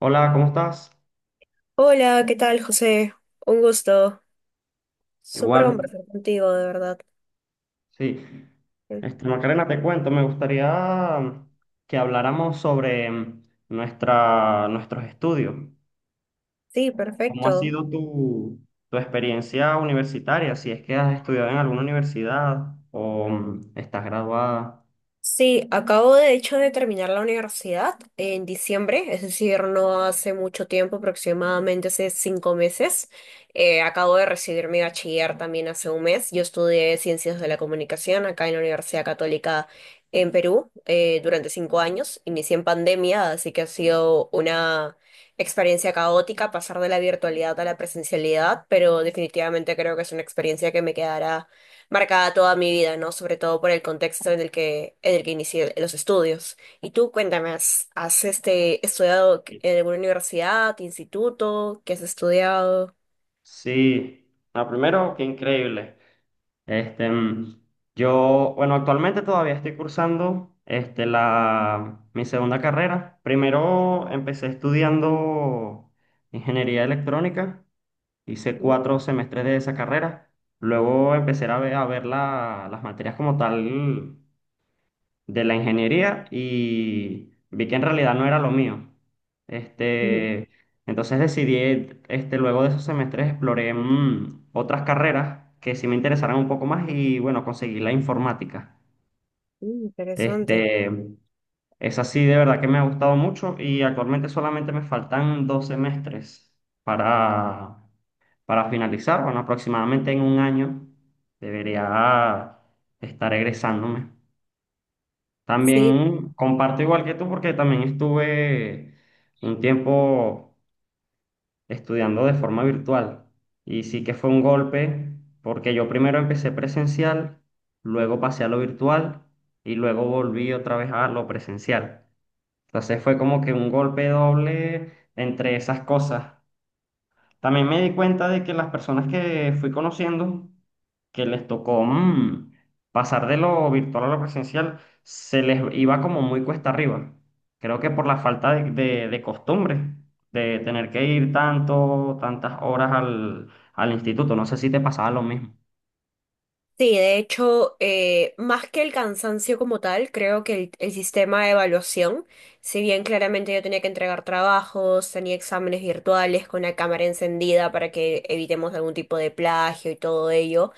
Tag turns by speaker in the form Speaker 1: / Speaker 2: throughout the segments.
Speaker 1: Hola, ¿cómo estás?
Speaker 2: Hola, ¿qué tal, José? Un gusto. Súper
Speaker 1: Igual,
Speaker 2: conversar contigo, de verdad.
Speaker 1: sí. Macarena, te cuento, me gustaría que habláramos sobre nuestros estudios.
Speaker 2: Sí,
Speaker 1: ¿Cómo ha
Speaker 2: perfecto.
Speaker 1: sido tu experiencia universitaria? Si es que has estudiado en alguna universidad o estás graduada.
Speaker 2: Sí, acabo de hecho de terminar la universidad en diciembre, es decir, no hace mucho tiempo, aproximadamente hace 5 meses. Acabo de recibir mi bachiller también hace un mes. Yo estudié Ciencias de la Comunicación acá en la Universidad Católica en Perú durante 5 años. Inicié en pandemia, así que ha sido una experiencia caótica pasar de la virtualidad a la presencialidad, pero definitivamente creo que es una experiencia que me quedará marcada toda mi vida, ¿no? Sobre todo por el contexto en el que inicié los estudios. Y tú, cuéntame, estudiado en alguna universidad, instituto? ¿Qué has estudiado?
Speaker 1: Sí. Ah, primero, qué increíble. Este, mm, yo, bueno, actualmente todavía estoy cursando mi segunda carrera. Primero empecé estudiando ingeniería electrónica, hice
Speaker 2: Mm.
Speaker 1: 4 semestres de esa carrera. Luego empecé a ver las materias como tal de la ingeniería y vi que en realidad no era lo mío.
Speaker 2: Mm.
Speaker 1: Este, entonces decidí, luego de esos semestres exploré otras carreras que sí me interesaran un poco más y, bueno, conseguí la informática.
Speaker 2: Interesante.
Speaker 1: Este, Esa sí de verdad que me ha gustado mucho, y actualmente solamente me faltan 2 semestres para, para finalizar. Bueno, aproximadamente en un año debería estar egresándome.
Speaker 2: Sí,
Speaker 1: También comparto igual que tú, porque también estuve un tiempo estudiando de forma virtual, y sí que fue un golpe, porque yo primero empecé presencial, luego pasé a lo virtual y luego volví otra vez a lo presencial. Entonces fue como que un golpe doble entre esas cosas. También me di cuenta de que las personas que fui conociendo, que les tocó pasar de lo virtual a lo presencial, se les iba como muy cuesta arriba. Creo que por la falta de costumbre, de tener que ir tantas horas al instituto. No sé si te pasaba lo mismo.
Speaker 2: sí, de hecho, más que el cansancio como tal, creo que el sistema de evaluación, si bien claramente yo tenía que entregar trabajos, tenía exámenes virtuales con la cámara encendida para que evitemos algún tipo de plagio y todo ello.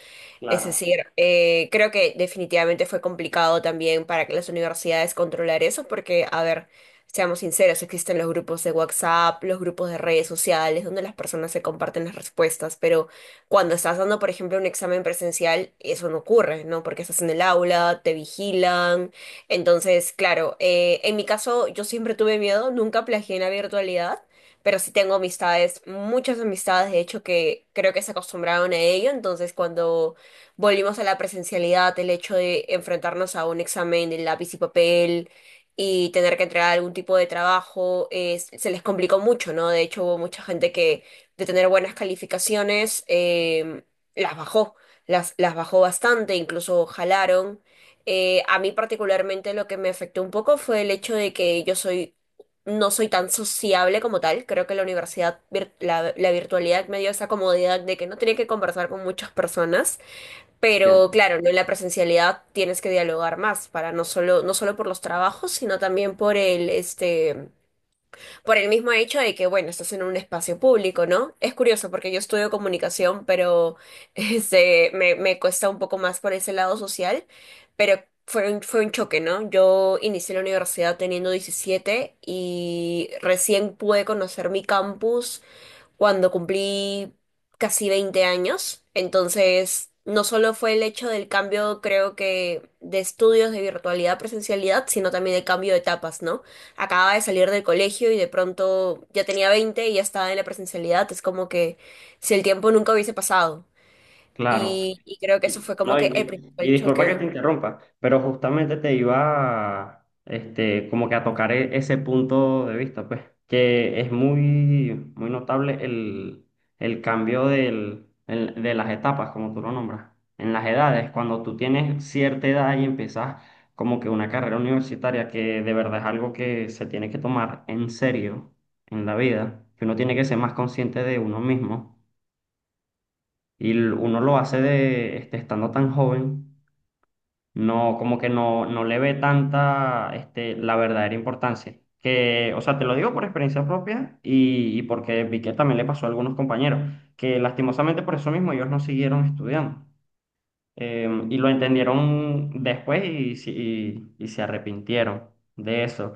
Speaker 2: Es
Speaker 1: Claro,
Speaker 2: decir, creo que definitivamente fue complicado también para que las universidades controlar eso, porque, a ver, seamos sinceros, existen los grupos de WhatsApp, los grupos de redes sociales, donde las personas se comparten las respuestas, pero cuando estás dando, por ejemplo, un examen presencial, eso no ocurre, ¿no? Porque estás en el aula, te vigilan. Entonces, claro, en mi caso, yo siempre tuve miedo, nunca plagié en la virtualidad, pero sí tengo amistades, muchas amistades, de hecho, que creo que se acostumbraron a ello, entonces cuando volvimos a la presencialidad, el hecho de enfrentarnos a un examen de lápiz y papel y tener que entregar algún tipo de trabajo, se les complicó mucho, ¿no? De hecho, hubo mucha gente que de tener buenas calificaciones las bajó, las bajó bastante, incluso jalaron. A mí particularmente lo que me afectó un poco fue el hecho de que yo soy no soy tan sociable como tal. Creo que la virtualidad me dio esa comodidad de que no tenía que conversar con muchas personas.
Speaker 1: entiendo.
Speaker 2: Pero claro, ¿no? En la presencialidad tienes que dialogar más para no solo por los trabajos, sino también por por el mismo hecho de que, bueno, estás en un espacio público, ¿no? Es curioso porque yo estudio comunicación, pero me cuesta un poco más por ese lado social, pero fue un choque, ¿no? Yo inicié la universidad teniendo 17 y recién pude conocer mi campus cuando cumplí casi 20 años. Entonces, no solo fue el hecho del cambio, creo que, de estudios de virtualidad a presencialidad, sino también el cambio de etapas, ¿no? Acababa de salir del colegio y de pronto ya tenía 20 y ya estaba en la presencialidad. Es como que si el tiempo nunca hubiese pasado.
Speaker 1: Claro.
Speaker 2: Y creo que eso fue como
Speaker 1: No,
Speaker 2: que
Speaker 1: y,
Speaker 2: el
Speaker 1: mi-
Speaker 2: principal
Speaker 1: Y disculpa que
Speaker 2: choque.
Speaker 1: te interrumpa, pero justamente te iba a, como que a tocar ese punto de vista, pues, que es muy, muy notable el cambio de las etapas, como tú lo nombras, en las edades, cuando tú tienes cierta edad y empiezas como que una carrera universitaria que de verdad es algo que se tiene que tomar en serio en la vida, que uno tiene que ser más consciente de uno mismo, y uno lo hace estando tan joven. No, como que no le ve tanta, la verdadera importancia. Que, o sea, te lo digo por experiencia propia, y porque vi que también le pasó a algunos compañeros, que lastimosamente por eso mismo ellos no siguieron estudiando. Y lo entendieron después, y, si- y se arrepintieron de eso.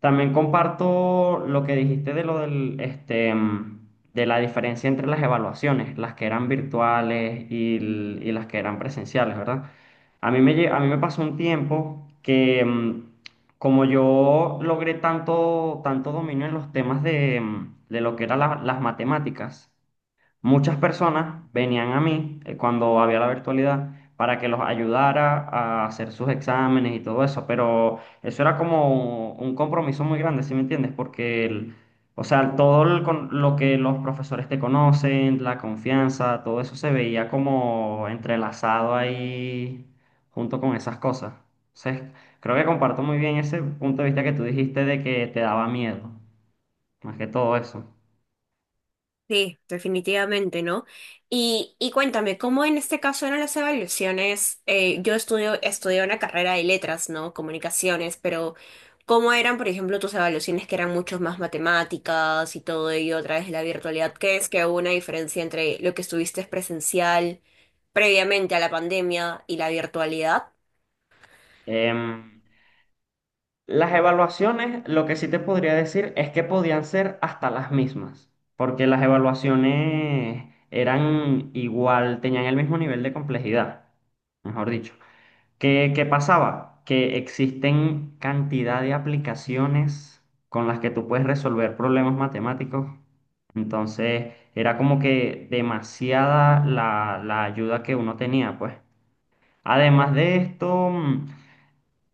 Speaker 1: También comparto lo que dijiste de lo del, este, mm, de la diferencia entre las evaluaciones, las que eran virtuales y y las que eran presenciales, ¿verdad? A mí a mí me pasó un tiempo que, como yo logré tanto dominio en los temas de lo que eran las matemáticas. Muchas personas venían a mí cuando había la virtualidad, para que los ayudara a hacer sus exámenes y todo eso, pero eso era como un compromiso muy grande, ¿sí me entiendes? Porque o sea, todo lo que los profesores te conocen, la confianza, todo eso se veía como entrelazado ahí junto con esas cosas. Entonces, creo que comparto muy bien ese punto de vista que tú dijiste, de que te daba miedo más que todo eso.
Speaker 2: Sí, definitivamente, ¿no? Y cuéntame, ¿cómo en este caso eran las evaluaciones? Yo estudié una carrera de letras, ¿no? Comunicaciones, pero ¿cómo eran, por ejemplo, tus evaluaciones que eran mucho más matemáticas y todo ello a través de la virtualidad? ¿Qué es que hubo una diferencia entre lo que estuviste presencial previamente a la pandemia y la virtualidad?
Speaker 1: Em, Las evaluaciones, lo que sí te podría decir es que podían ser hasta las mismas, porque las evaluaciones eran igual, tenían el mismo nivel de complejidad, mejor dicho. ¿Qué, qué pasaba? Que existen cantidad de aplicaciones con las que tú puedes resolver problemas matemáticos. Entonces, era como que demasiada la ayuda que uno tenía, pues. Además de esto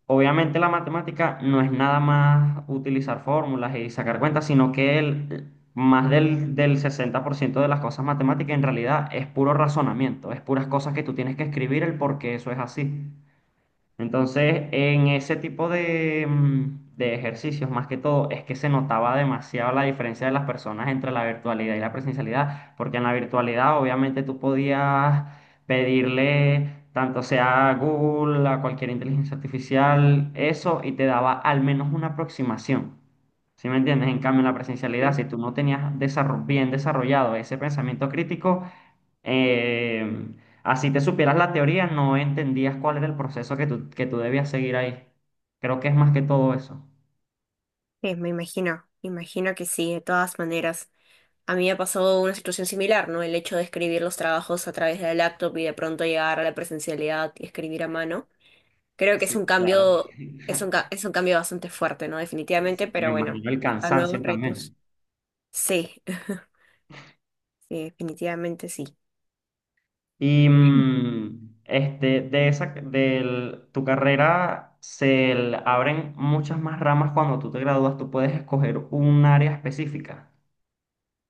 Speaker 1: obviamente la matemática no es nada más utilizar fórmulas y sacar cuentas, sino que más del 60% de las cosas matemáticas en realidad es puro razonamiento, es puras cosas que tú tienes que escribir el por qué eso es así. Entonces, en ese tipo de ejercicios, más que todo, es que se notaba demasiado la diferencia de las personas entre la virtualidad y la presencialidad, porque en la virtualidad obviamente tú podías pedirle tanto sea a Google, a cualquier inteligencia artificial, eso, y te daba al menos una aproximación. ¿Sí me entiendes? En cambio, en la presencialidad,
Speaker 2: Sí.
Speaker 1: si tú no tenías bien desarrollado ese pensamiento crítico, eh, así te supieras la teoría, no entendías cuál era el proceso que que tú debías seguir ahí. Creo que es más que todo eso.
Speaker 2: Sí, me imagino que sí, de todas maneras. A mí me ha pasado una situación similar, ¿no? El hecho de escribir los trabajos a través de la laptop y de pronto llegar a la presencialidad y escribir a mano. Creo que es
Speaker 1: Sí,
Speaker 2: un
Speaker 1: claro.
Speaker 2: cambio, es un cambio bastante fuerte, ¿no? Definitivamente,
Speaker 1: Sí, me
Speaker 2: pero bueno,
Speaker 1: imagino el
Speaker 2: a nuevos
Speaker 1: cansancio
Speaker 2: retos.
Speaker 1: también.
Speaker 2: Sí, sí, definitivamente sí.
Speaker 1: Y, de tu carrera abren muchas más ramas cuando tú te gradúas. Tú puedes escoger un área específica.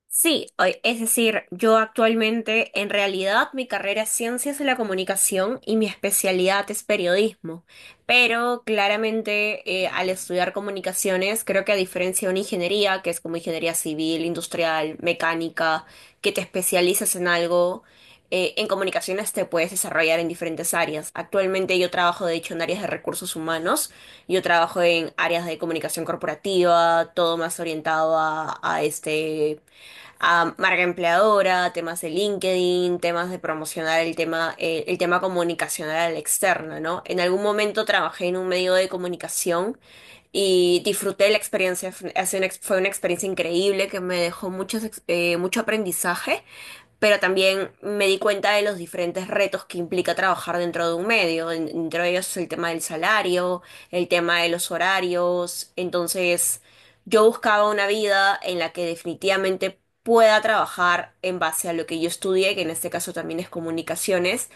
Speaker 2: Sí, es decir, yo actualmente en realidad mi carrera es Ciencias de la Comunicación y mi especialidad es periodismo, pero claramente al estudiar comunicaciones creo que a diferencia de una ingeniería, que es como ingeniería civil, industrial, mecánica, que te especializas en algo, en comunicaciones te puedes desarrollar en diferentes áreas. Actualmente yo trabajo de hecho en áreas de recursos humanos. Yo trabajo en áreas de comunicación corporativa, todo más orientado a a marca empleadora, temas de LinkedIn, temas de promocionar el tema comunicacional al externo, ¿no? En algún momento trabajé en un medio de comunicación y disfruté la experiencia. Fue una experiencia increíble que me dejó mucho aprendizaje, pero también me di cuenta de los diferentes retos que implica trabajar dentro de un medio, entre ellos el tema del salario, el tema de los horarios, entonces yo buscaba una vida en la que definitivamente pueda trabajar en base a lo que yo estudié, que en este caso también es comunicaciones,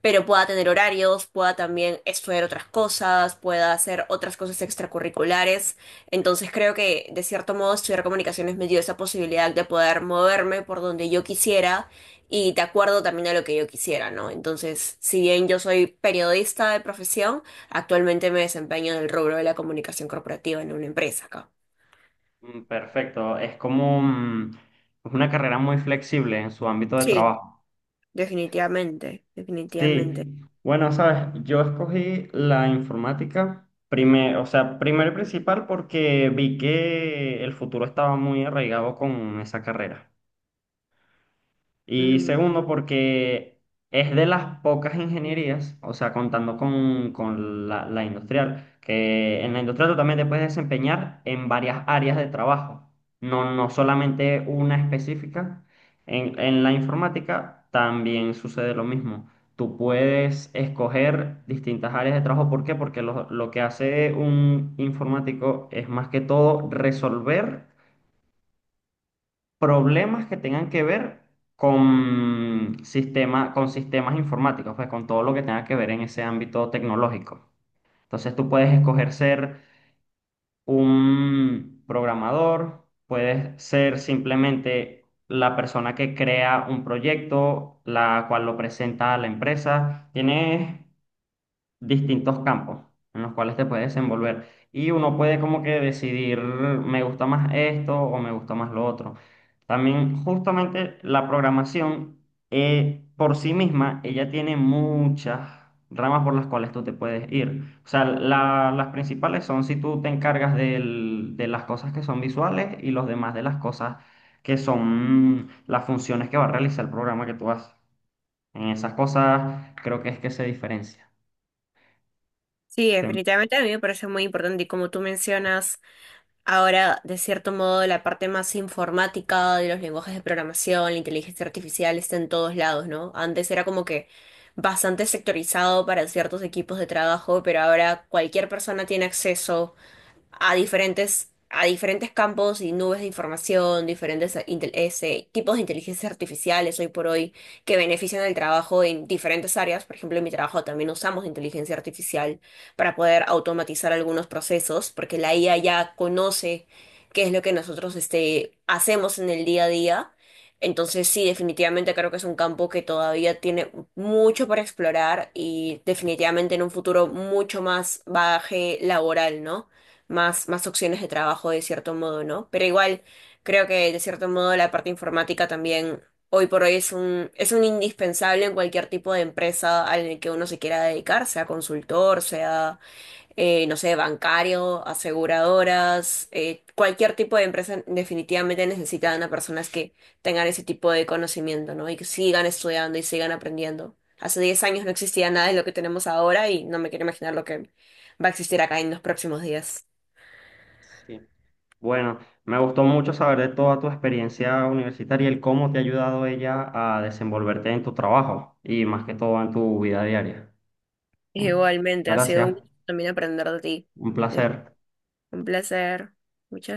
Speaker 2: pero pueda tener horarios, pueda también estudiar otras cosas, pueda hacer otras cosas extracurriculares. Entonces creo que de cierto modo estudiar comunicaciones me dio esa posibilidad de poder moverme por donde yo quisiera y de acuerdo también a lo que yo quisiera, ¿no? Entonces, si bien yo soy periodista de profesión, actualmente me desempeño en el rubro de la comunicación corporativa en una empresa acá.
Speaker 1: Mm. Perfecto. Es una carrera muy flexible en su ámbito de
Speaker 2: Sí,
Speaker 1: trabajo.
Speaker 2: definitivamente, definitivamente.
Speaker 1: Sí, bueno, sabes, yo escogí la informática, o sea, primero y principal, porque vi que el futuro estaba muy arraigado con esa carrera.
Speaker 2: Me
Speaker 1: Y
Speaker 2: ima-
Speaker 1: segundo, porque es de las pocas ingenierías, o sea, contando con la industrial, que en la industrial tú también te puedes desempeñar en varias áreas de trabajo, no, no solamente una específica. En la informática también sucede lo mismo. Tú puedes escoger distintas áreas de trabajo. ¿Por qué? Porque lo que hace un informático es más que todo resolver problemas que tengan que ver con sistemas informáticos, pues, con todo lo que tenga que ver en ese ámbito tecnológico. Entonces tú puedes escoger ser un programador, puedes ser simplemente la persona que crea un proyecto, la cual lo presenta a la empresa. Tienes distintos campos en los cuales te puedes desenvolver. Y uno puede como que decidir: me gusta más esto o me gusta más lo otro. También justamente la programación, por sí misma, ella tiene muchas ramas por las cuales tú te puedes ir. O sea, las principales son si tú te encargas de las cosas que son visuales, y los demás de las cosas que son, las funciones que va a realizar el programa que tú haces. En esas cosas creo que es que se diferencia.
Speaker 2: Sí,
Speaker 1: Te-
Speaker 2: definitivamente a mí me parece muy importante y como tú mencionas, ahora, de cierto modo, la parte más informática de los lenguajes de programación, la inteligencia artificial está en todos lados, ¿no? Antes era como que bastante sectorizado para ciertos equipos de trabajo, pero ahora cualquier persona tiene acceso a diferentes campos y nubes de información, diferentes tipos de inteligencias artificiales hoy por hoy que benefician el trabajo en diferentes áreas. Por ejemplo, en mi trabajo también usamos inteligencia artificial para poder automatizar algunos procesos, porque la IA ya conoce qué es lo que nosotros hacemos en el día a día. Entonces sí, definitivamente creo que es un campo que todavía tiene mucho para explorar y definitivamente en un futuro mucho más bagaje laboral, ¿no? Más opciones de trabajo de cierto modo, ¿no? Pero igual creo que de cierto modo la parte informática también hoy por hoy es un indispensable en cualquier tipo de empresa al que uno se quiera dedicar, sea consultor, sea, no sé, bancario, aseguradoras, cualquier tipo de empresa definitivamente necesitan a personas que tengan ese tipo de conocimiento, ¿no? Y que sigan estudiando y sigan aprendiendo. Hace 10 años no existía nada de lo que tenemos ahora y no me quiero imaginar lo que va a existir acá en los próximos días.
Speaker 1: Sí. Bueno, me gustó mucho saber de toda tu experiencia universitaria y el cómo te ha ayudado ella a desenvolverte en tu trabajo y más que todo en tu vida diaria. ¿Sí?
Speaker 2: Igualmente, ha sido
Speaker 1: Gracias,
Speaker 2: un gusto también aprender de ti.
Speaker 1: un placer.
Speaker 2: Un placer. Muchas